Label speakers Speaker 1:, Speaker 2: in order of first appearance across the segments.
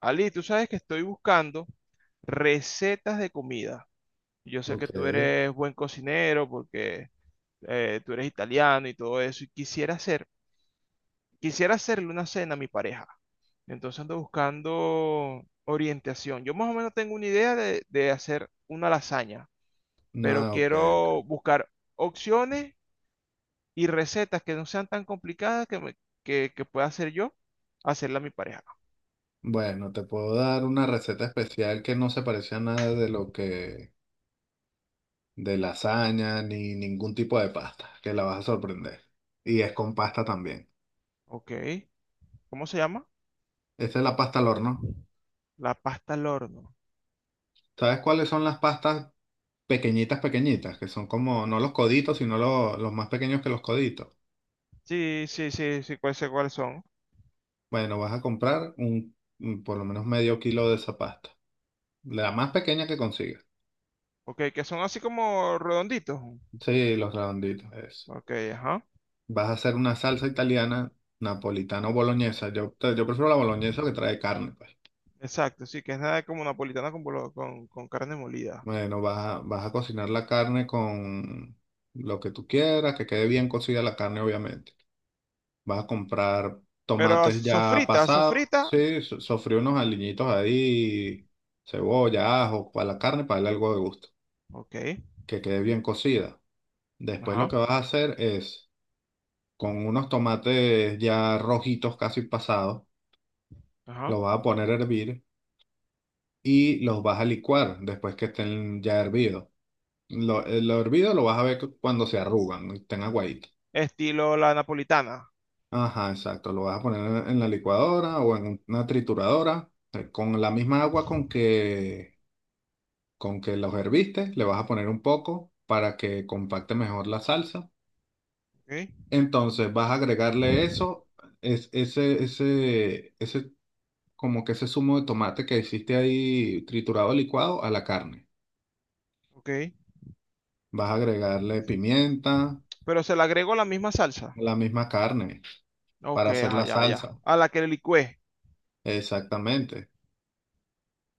Speaker 1: Ali, tú sabes que estoy buscando recetas de comida. Yo sé que
Speaker 2: Ok.
Speaker 1: tú eres buen cocinero porque tú eres italiano y todo eso. Y quisiera hacerle una cena a mi pareja. Entonces ando buscando orientación. Yo más o menos tengo una idea de hacer una lasaña,
Speaker 2: No,
Speaker 1: pero
Speaker 2: ok,
Speaker 1: quiero
Speaker 2: ok.
Speaker 1: buscar opciones y recetas que no sean tan complicadas que pueda hacer yo, hacerla a mi pareja.
Speaker 2: Bueno, te puedo dar una receta especial que no se parece a nada de lasaña ni ningún tipo de pasta, que la vas a sorprender. Y es con pasta también.
Speaker 1: Ok. ¿Cómo se llama?
Speaker 2: Esta es la pasta al horno.
Speaker 1: La pasta al horno.
Speaker 2: ¿Sabes cuáles son las pastas pequeñitas? Que son como, no los coditos, sino los más pequeños que los coditos.
Speaker 1: Sí, sí, sí, sí, cuál sé cuáles son.
Speaker 2: Bueno, vas a comprar por lo menos medio kilo de esa pasta. La más pequeña que consigas.
Speaker 1: Ok, que son así como redonditos.
Speaker 2: Sí, los redonditos, eso.
Speaker 1: Ok, ajá.
Speaker 2: Vas a hacer una salsa italiana, napolitana o boloñesa. Yo prefiero la boloñesa que trae carne, pues.
Speaker 1: Exacto, sí, que es nada como napolitana con carne molida.
Speaker 2: Bueno, vas a cocinar la carne con lo que tú quieras, que quede bien cocida la carne, obviamente. Vas a comprar
Speaker 1: Pero
Speaker 2: tomates ya
Speaker 1: sofrita,
Speaker 2: pasados,
Speaker 1: sofrita.
Speaker 2: sí, sofrí unos aliñitos ahí, cebolla, ajo, para la carne, para darle algo de gusto,
Speaker 1: Ok,
Speaker 2: que quede bien cocida. Después lo
Speaker 1: ajá,
Speaker 2: que vas a hacer es, con unos tomates ya rojitos casi pasados,
Speaker 1: ajá.
Speaker 2: los vas a poner a hervir y los vas a licuar después que estén ya hervidos. Lo hervido lo vas a ver cuando se arrugan, ¿no? Estén aguaditos.
Speaker 1: Estilo la napolitana.
Speaker 2: Ajá, exacto. Lo vas a poner en la licuadora o en una trituradora. Con la misma con que los herviste, le vas a poner un poco para que compacte mejor la salsa.
Speaker 1: Ok,
Speaker 2: Entonces vas a agregarle eso, es, ese, como que ese zumo de tomate que hiciste ahí triturado, licuado, a la carne.
Speaker 1: ok.
Speaker 2: Vas a agregarle pimienta.
Speaker 1: Pero se le agregó la misma salsa.
Speaker 2: La misma carne
Speaker 1: Ok,
Speaker 2: para hacer
Speaker 1: ajá,
Speaker 2: la
Speaker 1: ya, ya.
Speaker 2: salsa.
Speaker 1: A la que le licué.
Speaker 2: Exactamente.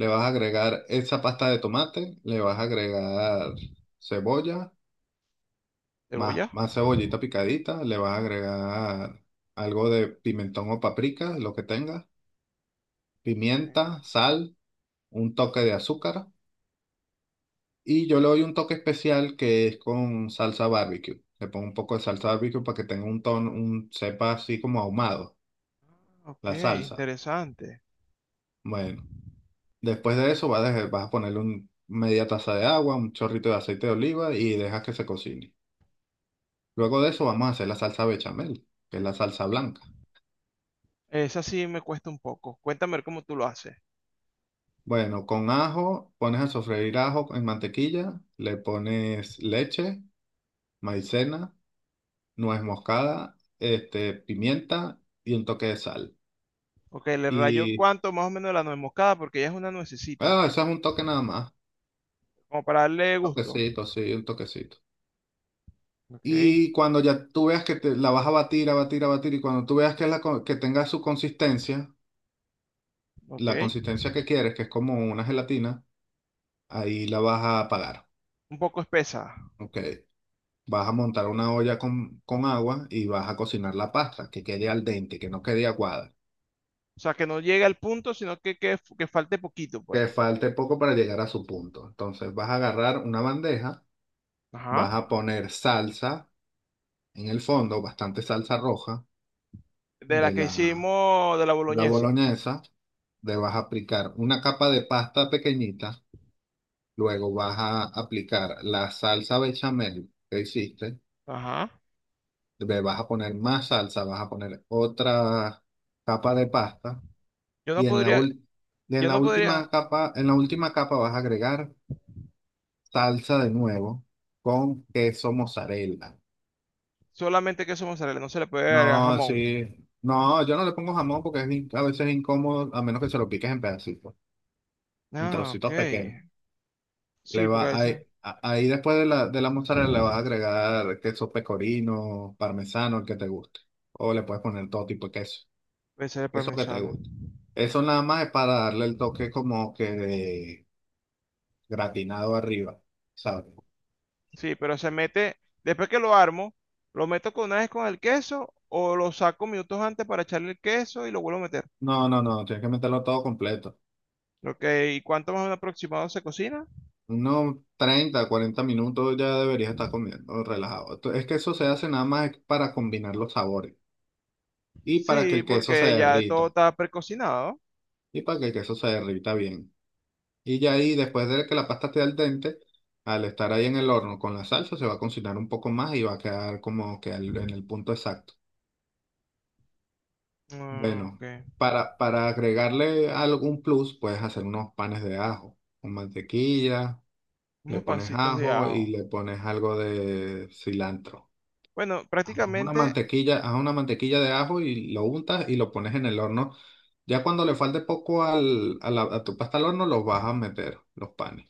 Speaker 2: Le vas a agregar esa pasta de tomate, le vas a agregar cebolla, más,
Speaker 1: ¿Cebolla?
Speaker 2: más cebollita picadita, le vas a agregar algo de pimentón o paprika, lo que tengas, pimienta, sal, un toque de azúcar, y yo le doy un toque especial que es con salsa barbecue. Le pongo un poco de salsa barbecue para que tenga un tono, un sepa así como ahumado,
Speaker 1: Ok,
Speaker 2: la salsa.
Speaker 1: interesante.
Speaker 2: Bueno. Después de eso vas a ponerle media taza de agua, un chorrito de aceite de oliva y dejas que se cocine. Luego de eso vamos a hacer la salsa bechamel, que es la salsa blanca.
Speaker 1: Esa sí me cuesta un poco. Cuéntame a ver cómo tú lo haces.
Speaker 2: Bueno, con ajo, pones a sofreír ajo en mantequilla, le pones leche, maicena, nuez moscada, este, pimienta y un toque de sal.
Speaker 1: Ok, le rayo
Speaker 2: Y
Speaker 1: cuánto más o menos la nuez moscada porque ella es una nuececita.
Speaker 2: eso es un toque nada más,
Speaker 1: Como para darle
Speaker 2: un
Speaker 1: gusto.
Speaker 2: toquecito, sí, un toquecito.
Speaker 1: Ok,
Speaker 2: Y cuando ya tú veas que te, la vas a batir, a batir, a batir, y cuando tú veas que, que tenga su consistencia,
Speaker 1: ok.
Speaker 2: la consistencia que quieres, que es como una gelatina, ahí la vas a apagar.
Speaker 1: Un poco espesa.
Speaker 2: Ok. Vas a montar una olla con agua y vas a cocinar la pasta, que quede al dente, que no quede aguada,
Speaker 1: O sea, que no llegue al punto, sino que falte poquito,
Speaker 2: que
Speaker 1: pues.
Speaker 2: falte poco para llegar a su punto. Entonces vas a agarrar una bandeja,
Speaker 1: Ajá.
Speaker 2: vas a poner salsa en el fondo, bastante salsa roja
Speaker 1: De la
Speaker 2: de
Speaker 1: que
Speaker 2: la,
Speaker 1: hicimos de la
Speaker 2: de la
Speaker 1: boloñesa.
Speaker 2: boloñesa, le vas a aplicar una capa de pasta pequeñita, luego vas a aplicar la salsa bechamel que hiciste.
Speaker 1: Ajá.
Speaker 2: Le vas a poner más salsa, vas a poner otra capa de pasta,
Speaker 1: Yo no
Speaker 2: y
Speaker 1: podría,
Speaker 2: en
Speaker 1: yo
Speaker 2: la
Speaker 1: no podría
Speaker 2: última capa, en la última capa, vas a agregar salsa de nuevo con queso mozzarella.
Speaker 1: solamente queso mozzarella, no se le puede agregar
Speaker 2: No,
Speaker 1: jamón.
Speaker 2: sí, no, yo no le pongo jamón porque es, a veces es incómodo, a menos que se lo piques en pedacitos, en
Speaker 1: Ah, ok.
Speaker 2: trocitos pequeños. Le
Speaker 1: Sí, porque
Speaker 2: va,
Speaker 1: a
Speaker 2: ahí,
Speaker 1: veces
Speaker 2: a- Ahí después de de la mozzarella le vas a agregar queso pecorino, parmesano, el que te guste. O le puedes poner todo tipo de queso.
Speaker 1: puede ser el
Speaker 2: Eso que te
Speaker 1: parmesano.
Speaker 2: gusta. Eso nada más es para darle el toque como que de gratinado arriba, ¿sabes?
Speaker 1: Sí, pero se mete, después que lo armo, lo meto con una vez con el queso o lo saco minutos antes para echarle el queso y lo vuelvo a meter.
Speaker 2: No, tienes que meterlo todo completo.
Speaker 1: Ok, ¿y cuánto más o menos aproximado se cocina?
Speaker 2: Unos 30-40 minutos ya deberías estar comiendo relajado. Es que eso se hace nada más para combinar los sabores y para que
Speaker 1: Sí,
Speaker 2: el queso se
Speaker 1: porque ya todo
Speaker 2: derrita,
Speaker 1: está precocinado.
Speaker 2: bien. Y ya ahí, después de que la pasta esté al dente, al estar ahí en el horno con la salsa, se va a cocinar un poco más y va a quedar como que en el punto exacto.
Speaker 1: Ah, ok.
Speaker 2: Bueno, para agregarle algún plus, puedes hacer unos panes de ajo con mantequilla, le
Speaker 1: Unos
Speaker 2: pones
Speaker 1: pasitos de
Speaker 2: ajo y
Speaker 1: ajo.
Speaker 2: le pones algo de cilantro.
Speaker 1: Bueno, prácticamente,
Speaker 2: Haz una mantequilla de ajo y lo untas y lo pones en el horno. Ya cuando le falte poco a tu pasta al horno, los vas a meter, los panes.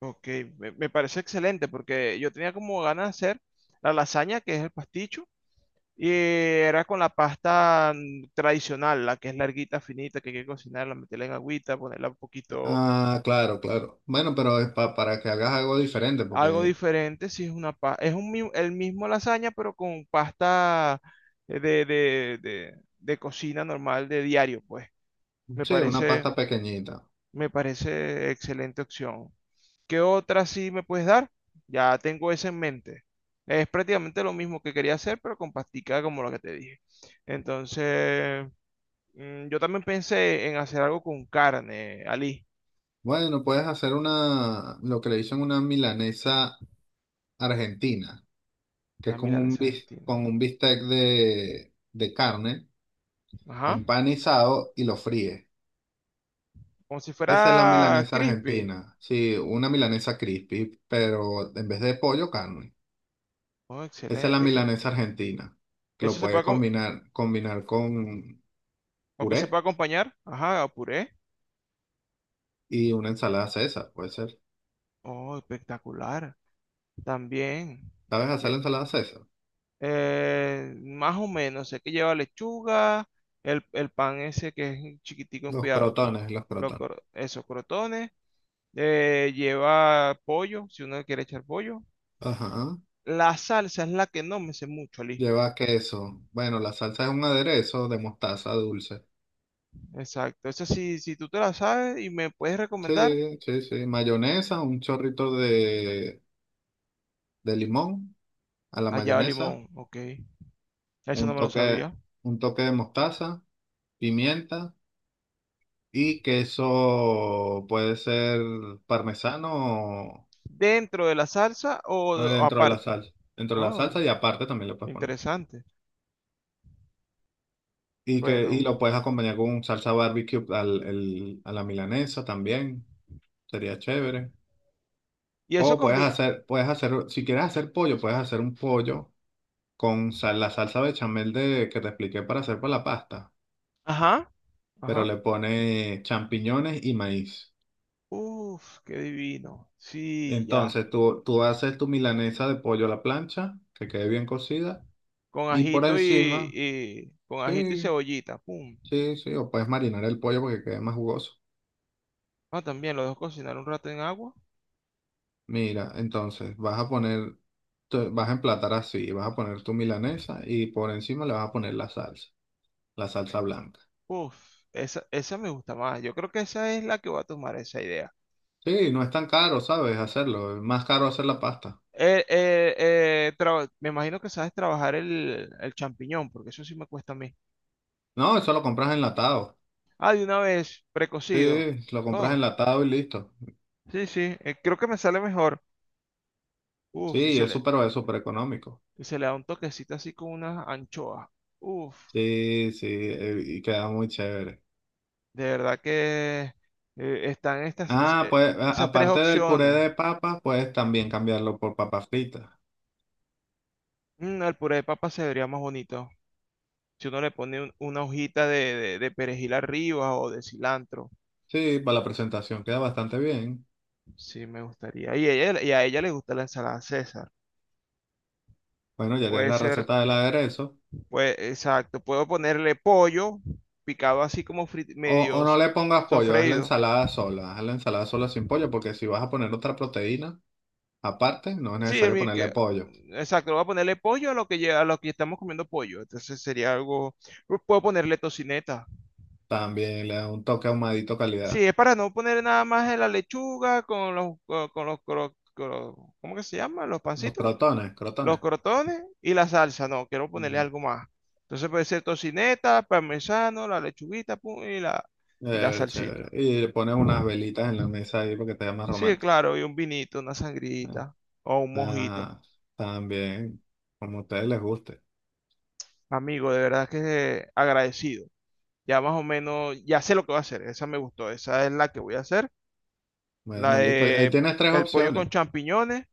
Speaker 1: ok, me parece excelente porque yo tenía como ganas de hacer la lasaña, que es el pasticho, y era con la pasta tradicional, la que es larguita, finita, que hay que cocinarla, meterla en agüita, ponerla un poquito,
Speaker 2: Ah, claro, claro. Bueno, pero es para que hagas algo diferente,
Speaker 1: algo
Speaker 2: porque
Speaker 1: diferente, si es una el mismo lasaña, pero con pasta de cocina normal de diario, pues. Me
Speaker 2: sí, una
Speaker 1: parece.
Speaker 2: pasta pequeñita.
Speaker 1: Me parece excelente opción. ¿Qué otra sí me puedes dar? Ya tengo esa en mente. Es prácticamente lo mismo que quería hacer, pero con pastica como lo que te dije. Entonces, yo también pensé en hacer algo con carne, Ali.
Speaker 2: Bueno, puedes hacer una, lo que le dicen una milanesa argentina, que es
Speaker 1: Una
Speaker 2: con un,
Speaker 1: milanesa argentina.
Speaker 2: con un bistec de carne
Speaker 1: Ajá.
Speaker 2: empanizado y lo fríe.
Speaker 1: Como si
Speaker 2: Esa es la
Speaker 1: fuera
Speaker 2: milanesa
Speaker 1: crispy.
Speaker 2: argentina. Sí, una milanesa crispy, pero en vez de pollo, carne.
Speaker 1: Oh,
Speaker 2: Esa es la
Speaker 1: excelente.
Speaker 2: milanesa argentina, que lo
Speaker 1: Eso se
Speaker 2: puedes
Speaker 1: puede,
Speaker 2: combinar, combinar con
Speaker 1: aunque se puede
Speaker 2: puré
Speaker 1: acompañar. Ajá, a puré.
Speaker 2: y una ensalada César, puede ser.
Speaker 1: Oh, espectacular. También.
Speaker 2: ¿Sabes hacer la ensalada César?
Speaker 1: Más o menos, sé que lleva lechuga, el pan ese que es chiquitico,
Speaker 2: Los
Speaker 1: cuidado, cu-
Speaker 2: crotones, los
Speaker 1: lo
Speaker 2: crotones.
Speaker 1: cro- esos crotones, lleva pollo, si uno quiere echar pollo.
Speaker 2: Ajá.
Speaker 1: La salsa es la que no me sé mucho, Ali.
Speaker 2: Lleva queso. Bueno, la salsa es un aderezo de mostaza dulce.
Speaker 1: Exacto, esa sí, si tú te la sabes y me puedes recomendar,
Speaker 2: Sí. Mayonesa, un chorrito de limón a la
Speaker 1: allá va
Speaker 2: mayonesa,
Speaker 1: limón, ok. Eso
Speaker 2: un
Speaker 1: no me lo
Speaker 2: toque,
Speaker 1: sabía.
Speaker 2: un toque de mostaza, pimienta y queso puede ser parmesano.
Speaker 1: ¿Dentro de la salsa o
Speaker 2: Dentro de la
Speaker 1: aparte?
Speaker 2: salsa. Dentro de la
Speaker 1: Oh,
Speaker 2: salsa y aparte también lo puedes poner.
Speaker 1: interesante.
Speaker 2: Y
Speaker 1: Bueno,
Speaker 2: lo puedes acompañar con salsa barbecue a la milanesa también. Sería chévere.
Speaker 1: y eso
Speaker 2: O
Speaker 1: combina.
Speaker 2: puedes hacer, si quieres hacer pollo, puedes hacer un pollo con la salsa bechamel que te expliqué para hacer para la pasta,
Speaker 1: Ajá,
Speaker 2: pero
Speaker 1: ajá.
Speaker 2: le pone champiñones y maíz.
Speaker 1: Uf, qué divino. Sí, ya.
Speaker 2: Entonces tú haces tu milanesa de pollo a la plancha, que quede bien cocida,
Speaker 1: Con
Speaker 2: y por
Speaker 1: ajito y,
Speaker 2: encima,
Speaker 1: con ajito y
Speaker 2: sí,
Speaker 1: cebollita. Pum.
Speaker 2: sí, o puedes marinar el pollo porque quede más jugoso.
Speaker 1: Ah, también lo dejo cocinar un rato en agua.
Speaker 2: Mira, entonces vas a poner, vas a emplatar así, vas a poner tu milanesa y por encima le vas a poner la salsa blanca.
Speaker 1: Uf, esa me gusta más. Yo creo que esa es la que voy a tomar esa idea.
Speaker 2: Sí, no es tan caro, ¿sabes? Hacerlo, es más caro hacer la pasta.
Speaker 1: Me imagino que sabes trabajar el champiñón, porque eso sí me cuesta a mí.
Speaker 2: No, eso lo compras enlatado.
Speaker 1: Ah, de una vez, precocido.
Speaker 2: Sí, lo compras
Speaker 1: Oh,
Speaker 2: enlatado y listo.
Speaker 1: sí, sí, creo que me sale mejor. Uf, y se le,
Speaker 2: Es súper económico.
Speaker 1: Y se le da un toquecito así con unas anchoas. Uf,
Speaker 2: Sí, sí, y queda muy chévere.
Speaker 1: de verdad que eh, están estas, es-
Speaker 2: Ah,
Speaker 1: eh,
Speaker 2: pues
Speaker 1: esas tres
Speaker 2: aparte del puré
Speaker 1: opciones.
Speaker 2: de papa, puedes también cambiarlo por papas fritas.
Speaker 1: El puré de papa se vería más bonito. Si uno le pone una hojita de perejil arriba o de cilantro.
Speaker 2: Sí, para la presentación queda bastante bien.
Speaker 1: Sí, me gustaría. Y a ella le gusta la ensalada César.
Speaker 2: Bueno, ya tienes
Speaker 1: Puede
Speaker 2: la
Speaker 1: ser,
Speaker 2: receta del aderezo.
Speaker 1: pues, exacto. Puedo ponerle pollo picado así como
Speaker 2: O no le pongas pollo, haz la
Speaker 1: sofreído.
Speaker 2: ensalada sola, haz la ensalada sola sin pollo, porque si vas a poner otra proteína aparte, no es
Speaker 1: Sí,
Speaker 2: necesario ponerle pollo.
Speaker 1: exacto. Voy a ponerle pollo a lo a lo que estamos comiendo pollo. Entonces sería algo... Puedo ponerle tocineta.
Speaker 2: También le da un toque ahumadito
Speaker 1: Sí,
Speaker 2: calidad.
Speaker 1: es para no poner nada más de la lechuga con los, co- con, los, cro- cro- ¿cómo que se llama? Los
Speaker 2: Los
Speaker 1: pancitos,
Speaker 2: crotones,
Speaker 1: los
Speaker 2: crotones.
Speaker 1: crotones y la salsa. No, quiero ponerle algo más. Entonces puede ser tocineta, parmesano, la lechuguita, pum, y la
Speaker 2: Chévere.
Speaker 1: salsita.
Speaker 2: Y le pones unas velitas en la mesa ahí porque te vea más
Speaker 1: Sí,
Speaker 2: romántico.
Speaker 1: claro, y un vinito, una
Speaker 2: Ah,
Speaker 1: sangrita o un mojito.
Speaker 2: ah, también, como a ustedes les guste.
Speaker 1: Amigo, de verdad que agradecido. Ya más o menos, ya sé lo que voy a hacer. Esa me gustó, esa es la que voy a hacer. La
Speaker 2: Bueno, listo. Ahí
Speaker 1: de
Speaker 2: tienes tres
Speaker 1: el pollo
Speaker 2: opciones.
Speaker 1: con champiñones.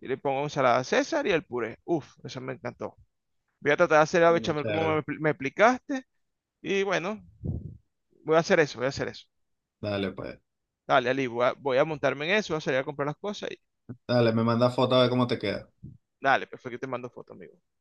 Speaker 1: Y le pongo ensalada César y el puré. Uf, eso me encantó. Voy a tratar de hacer la
Speaker 2: Bueno,
Speaker 1: bechamel como
Speaker 2: chévere.
Speaker 1: me explicaste. Y bueno, voy a hacer eso, voy a hacer eso.
Speaker 2: Dale, pues.
Speaker 1: Dale, Ali, voy a montarme en eso, voy a salir a comprar las cosas y
Speaker 2: Dale, me manda foto a ver cómo te queda.
Speaker 1: dale, perfecto, te mando foto, amigo.